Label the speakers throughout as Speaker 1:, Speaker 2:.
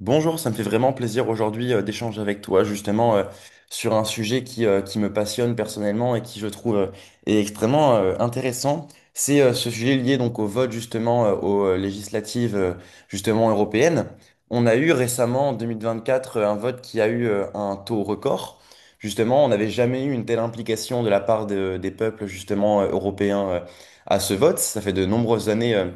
Speaker 1: Bonjour, ça me fait vraiment plaisir aujourd'hui d'échanger avec toi justement sur un sujet qui me passionne personnellement et qui je trouve est extrêmement intéressant. C'est ce sujet lié donc au vote justement aux législatives justement européennes. On a eu récemment en 2024 un vote qui a eu un taux record. Justement, on n'avait jamais eu une telle implication de la part des peuples justement européens à ce vote. Ça fait de nombreuses années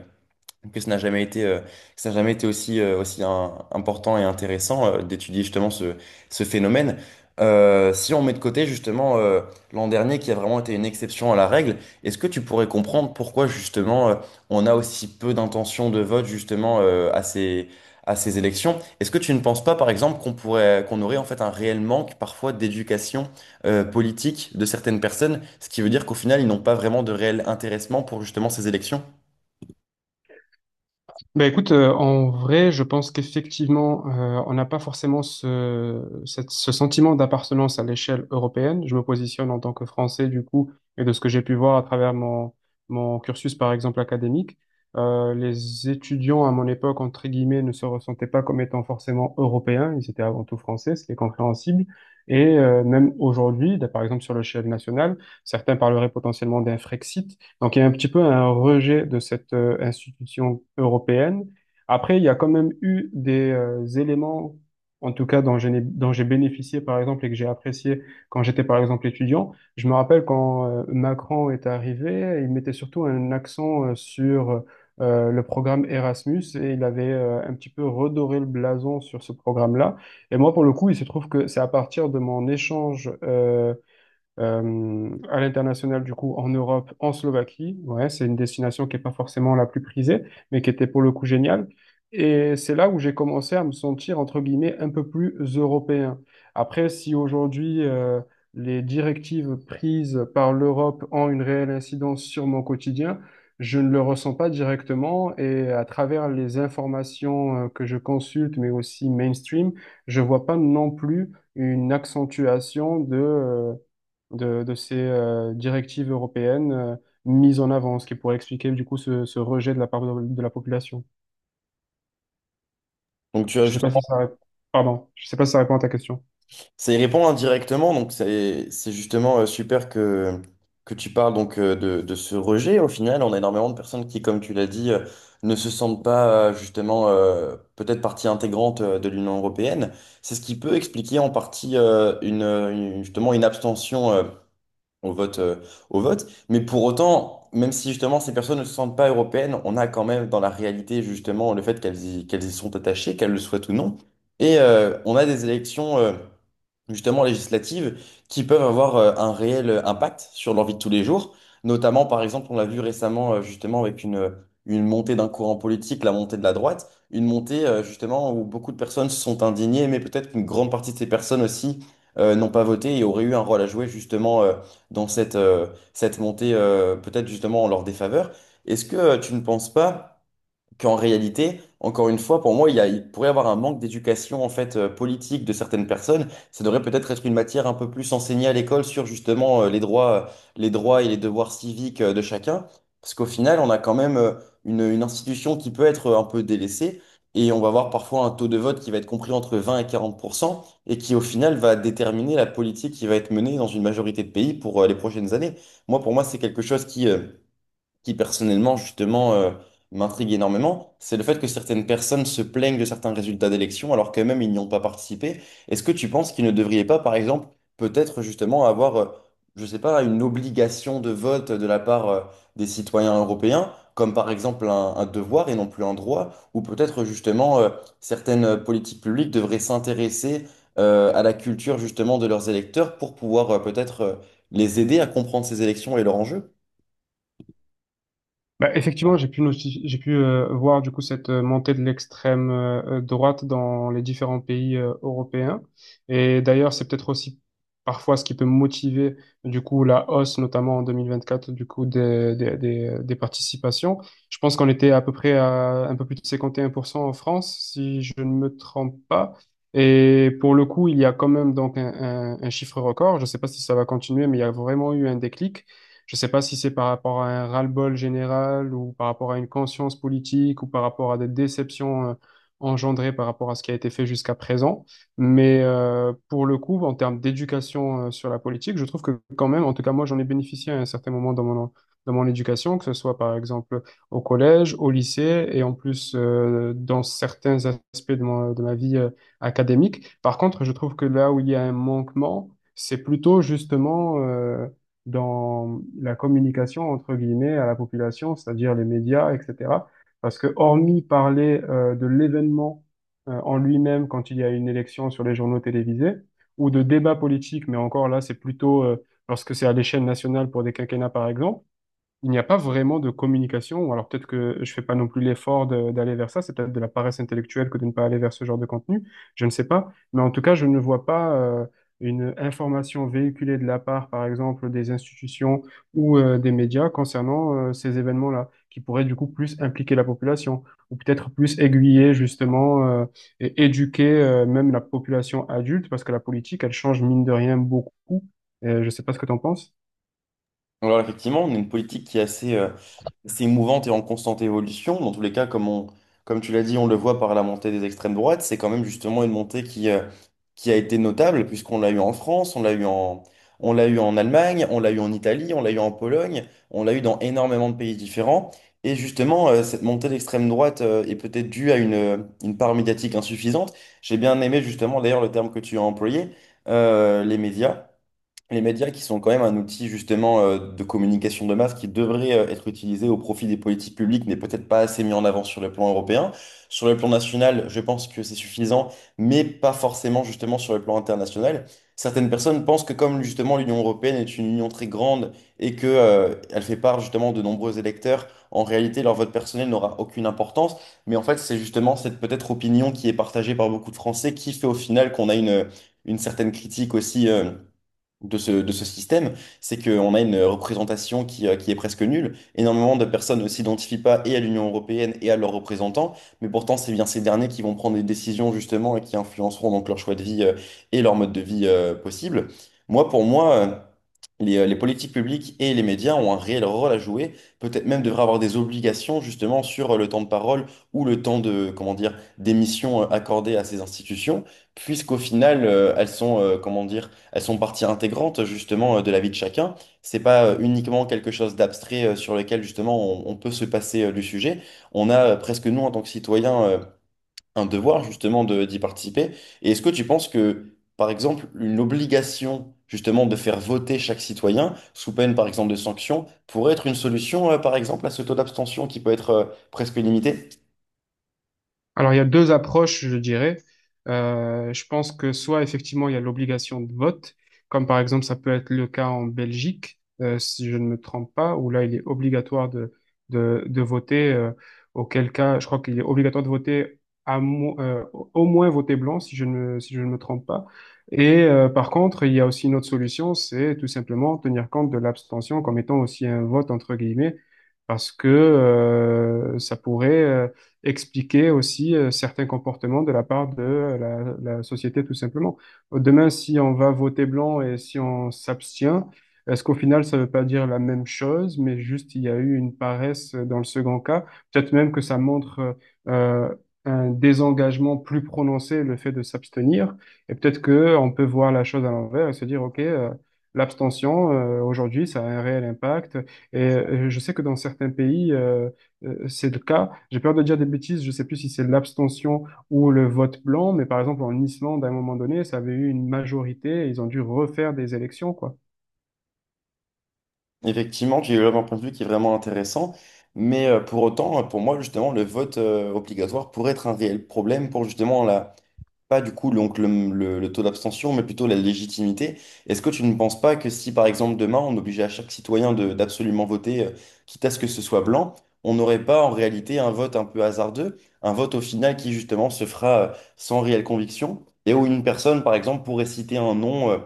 Speaker 1: que ça n'a jamais été aussi important et intéressant d'étudier justement ce phénomène. Si on met de côté justement l'an dernier qui a vraiment été une exception à la règle, est-ce que tu pourrais comprendre pourquoi justement on a aussi peu d'intentions de vote justement à à ces élections? Est-ce que tu ne penses pas par exemple qu'on aurait en fait un réel manque parfois d'éducation politique de certaines personnes, ce qui veut dire qu'au final ils n'ont pas vraiment de réel intéressement pour justement ces élections?
Speaker 2: En vrai, je pense qu'effectivement, on n'a pas forcément ce sentiment d'appartenance à l'échelle européenne. Je me positionne en tant que Français, du coup, et de ce que j'ai pu voir à travers mon cursus, par exemple, académique, les étudiants à mon époque, entre guillemets, ne se ressentaient pas comme étant forcément européens. Ils étaient avant tout français, ce qui est compréhensible. Et même aujourd'hui, là, par exemple, sur l'échelle nationale, certains parleraient potentiellement d'un Frexit. Donc, il y a un petit peu un rejet de cette institution européenne. Après, il y a quand même eu des éléments, en tout cas, dont j'ai bénéficié, par exemple, et que j'ai apprécié quand j'étais, par exemple, étudiant. Je me rappelle quand Macron est arrivé, il mettait surtout un accent sur le programme Erasmus et il avait un petit peu redoré le blason sur ce programme-là. Et moi, pour le coup, il se trouve que c'est à partir de mon échange à l'international, du coup, en Europe, en Slovaquie. Ouais, c'est une destination qui n'est pas forcément la plus prisée, mais qui était pour le coup géniale. Et c'est là où j'ai commencé à me sentir, entre guillemets, un peu plus européen. Après, si aujourd'hui, les directives prises par l'Europe ont une réelle incidence sur mon quotidien, je ne le ressens pas directement et à travers les informations que je consulte, mais aussi mainstream, je vois pas non plus une accentuation de ces directives européennes mises en avant, ce qui pourrait expliquer du coup ce rejet de la part de la population.
Speaker 1: Donc tu as.
Speaker 2: Je sais pas si ça répond. Pardon, je sais pas si ça répond à ta question.
Speaker 1: Ça y répond indirectement, donc c'est justement super que tu parles donc de ce rejet. Au final, on a énormément de personnes qui, comme tu l'as dit, ne se sentent pas justement peut-être partie intégrante de l'Union européenne. C'est ce qui peut expliquer en partie justement une abstention au vote euh, au vote. Mais pour autant, même si justement ces personnes ne se sentent pas européennes, on a quand même dans la réalité justement le fait qu'elles y sont attachées, qu'elles le souhaitent ou non. Et on a des élections justement législatives qui peuvent avoir un réel impact sur leur vie de tous les jours. Notamment, par exemple, on l'a vu récemment justement avec une montée d'un courant politique, la montée de la droite, une montée justement où beaucoup de personnes se sont indignées, mais peut-être qu'une grande partie de ces personnes aussi n'ont pas voté et auraient eu un rôle à jouer justement dans cette montée, peut-être justement en leur défaveur. Est-ce que tu ne penses pas qu'en réalité, encore une fois, pour moi, il pourrait y avoir un manque d'éducation en fait politique de certaines personnes. Ça devrait peut-être être une matière un peu plus enseignée à l'école sur justement les droits et les devoirs civiques de chacun. Parce qu'au final, on a quand même une institution qui peut être un peu délaissée et on va avoir parfois un taux de vote qui va être compris entre 20 et 40% et qui au final va déterminer la politique qui va être menée dans une majorité de pays pour les prochaines années. Moi, pour moi, c'est quelque chose qui personnellement justement m'intrigue énormément, c'est le fait que certaines personnes se plaignent de certains résultats d'élections alors qu'elles-mêmes ils n'y ont pas participé. Est-ce que tu penses qu'ils ne devraient pas, par exemple, peut-être justement avoir, je sais pas, une obligation de vote de la part des citoyens européens, comme par exemple un devoir et non plus un droit, ou peut-être justement certaines politiques publiques devraient s'intéresser à la culture justement de leurs électeurs pour pouvoir peut-être les aider à comprendre ces élections et leurs enjeux?
Speaker 2: Bah, effectivement, j'ai pu voir du coup cette montée de l'extrême droite dans les différents pays européens. Et d'ailleurs, c'est peut-être aussi parfois ce qui peut motiver du coup la hausse, notamment en 2024, du coup des participations. Je pense qu'on était à peu près à un peu plus de 51% en France, si je ne me trompe pas. Et pour le coup, il y a quand même donc un chiffre record. Je ne sais pas si ça va continuer, mais il y a vraiment eu un déclic. Je sais pas si c'est par rapport à un ras-le-bol général ou par rapport à une conscience politique ou par rapport à des déceptions engendrées par rapport à ce qui a été fait jusqu'à présent. Mais pour le coup, en termes d'éducation sur la politique, je trouve que quand même, en tout cas moi, j'en ai bénéficié à un certain moment dans mon éducation, que ce soit par exemple au collège, au lycée et en plus dans certains aspects de ma vie académique. Par contre, je trouve que là où il y a un manquement, c'est plutôt justement dans la communication, entre guillemets, à la population, c'est-à-dire les médias, etc. Parce que hormis parler de l'événement en lui-même quand il y a une élection sur les journaux télévisés, ou de débats politiques, mais encore là, c'est plutôt lorsque c'est à l'échelle nationale pour des quinquennats, par exemple, il n'y a pas vraiment de communication, ou alors peut-être que je fais pas non plus l'effort d'aller vers ça, c'est peut-être de la paresse intellectuelle que de ne pas aller vers ce genre de contenu, je ne sais pas, mais en tout cas, je ne vois pas une information véhiculée de la part, par exemple, des institutions ou des médias concernant ces événements-là, qui pourraient du coup plus impliquer la population, ou peut-être plus aiguiller justement et éduquer même la population adulte, parce que la politique, elle change mine de rien beaucoup. Je ne sais pas ce que tu en penses.
Speaker 1: Alors effectivement, on a une politique qui est assez mouvante et en constante évolution. Dans tous les cas, comme tu l'as dit, on le voit par la montée des extrêmes droites. C'est quand même justement une montée qui a été notable puisqu'on l'a eu en France, on l'a eu en Allemagne, on l'a eu en Italie, on l'a eu en Pologne, on l'a eu dans énormément de pays différents. Et justement, cette montée d'extrême droite, est peut-être due à une part médiatique insuffisante. J'ai bien aimé justement d'ailleurs le terme que tu as employé, euh, les médias les médias qui sont quand même un outil justement de communication de masse qui devrait être utilisé au profit des politiques publiques, n'est peut-être pas assez mis en avant sur le plan européen. Sur le plan national, je pense que c'est suffisant, mais pas forcément justement sur le plan international. Certaines personnes pensent que comme justement l'Union européenne est une union très grande et que elle fait part justement de nombreux électeurs, en réalité leur vote personnel n'aura aucune importance. Mais en fait, c'est justement cette peut-être opinion qui est partagée par beaucoup de Français qui fait au final qu'on a une certaine critique aussi, de de ce système, c'est qu'on a une représentation qui est presque nulle. Énormément de personnes ne s'identifient pas et à l'Union européenne et à leurs représentants, mais pourtant c'est bien ces derniers qui vont prendre des décisions justement et qui influenceront donc leur choix de vie et leur mode de vie possible. Moi, pour moi, les politiques publiques et les médias ont un réel rôle à jouer, peut-être même devraient avoir des obligations justement sur le temps de parole ou le temps de, comment dire, d'émission accordée à ces institutions, puisqu'au final, comment dire, elles sont partie intégrante justement de la vie de chacun. C'est pas uniquement quelque chose d'abstrait sur lequel justement on peut se passer du sujet. On a presque nous en tant que citoyens un devoir justement de d'y participer. Et est-ce que tu penses que, par exemple, une obligation justement de faire voter chaque citoyen, sous peine par exemple de sanctions, pourrait être une solution, par exemple, à ce taux d'abstention qui peut être presque illimité?
Speaker 2: Alors, il y a deux approches, je dirais. Je pense que soit effectivement il y a l'obligation de vote, comme par exemple ça peut être le cas en Belgique, si je ne me trompe pas, où là il est obligatoire de voter, auquel cas je crois qu'il est obligatoire de voter au moins voter blanc, si je ne me trompe pas. Et par contre, il y a aussi une autre solution, c'est tout simplement tenir compte de l'abstention comme étant aussi un vote entre guillemets, parce que ça pourrait expliquer aussi certains comportements de la part de la société, tout simplement. Demain, si on va voter blanc et si on s'abstient, est-ce qu'au final, ça ne veut pas dire la même chose, mais juste il y a eu une paresse dans le second cas? Peut-être même que ça montre euh, un désengagement plus prononcé, le fait de s'abstenir. Et peut-être que on peut voir la chose à l'envers et se dire, OK, l'abstention, aujourd'hui, ça a un réel impact. Et je sais que dans certains pays, c'est le cas. J'ai peur de dire des bêtises, je sais plus si c'est l'abstention ou le vote blanc, mais par exemple en Islande, à un moment donné, ça avait eu une majorité et ils ont dû refaire des élections, quoi.
Speaker 1: Effectivement, j'ai eu un point de vue qui est vraiment intéressant. Mais pour autant, pour moi, justement, le vote obligatoire pourrait être un réel problème pour justement pas du coup donc le taux d'abstention, mais plutôt la légitimité. Est-ce que tu ne penses pas que si par exemple demain on obligeait à chaque citoyen d'absolument voter, quitte à ce que ce soit blanc, on n'aurait pas en réalité un vote un peu hasardeux, un vote au final qui justement se fera sans réelle conviction, et où une personne par exemple pourrait citer un nom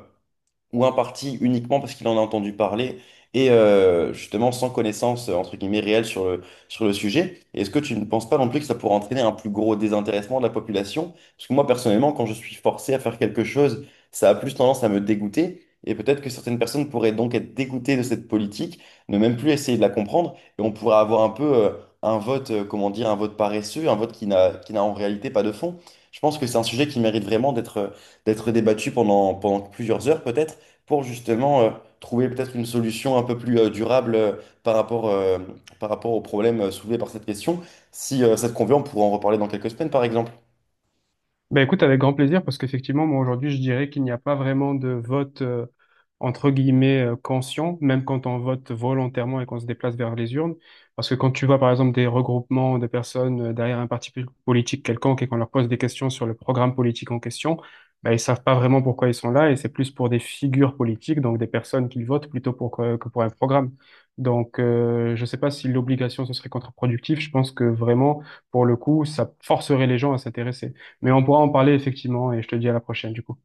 Speaker 1: ou un parti uniquement parce qu'il en a entendu parler et justement sans connaissance entre guillemets réelle sur sur le sujet. Et est-ce que tu ne penses pas non plus que ça pourrait entraîner un plus gros désintéressement de la population? Parce que moi personnellement, quand je suis forcé à faire quelque chose, ça a plus tendance à me dégoûter. Et peut-être que certaines personnes pourraient donc être dégoûtées de cette politique, ne même plus essayer de la comprendre, et on pourrait avoir un peu un vote, comment dire, un vote paresseux, un vote qui n'a en réalité pas de fond. Je pense que c'est un sujet qui mérite vraiment d'être débattu pendant plusieurs heures peut-être pour justement trouver peut-être une solution un peu plus durable par rapport, euh, par rapport au problème soulevé par cette question. Si ça te convient, on pourra en reparler dans quelques semaines, par exemple.
Speaker 2: Ben écoute, avec grand plaisir, parce qu'effectivement, moi aujourd'hui, je dirais qu'il n'y a pas vraiment de vote entre guillemets conscient, même quand on vote volontairement et qu'on se déplace vers les urnes. Parce que quand tu vois par exemple des regroupements de personnes derrière un parti politique quelconque et qu'on leur pose des questions sur le programme politique en question, ben, ils savent pas vraiment pourquoi ils sont là et c'est plus pour des figures politiques, donc des personnes qu'ils votent plutôt pour que pour un programme. Donc, je sais pas si l'obligation ce serait contre-productif. Je pense que vraiment, pour le coup, ça forcerait les gens à s'intéresser. Mais on pourra en parler effectivement et je te dis à la prochaine du coup.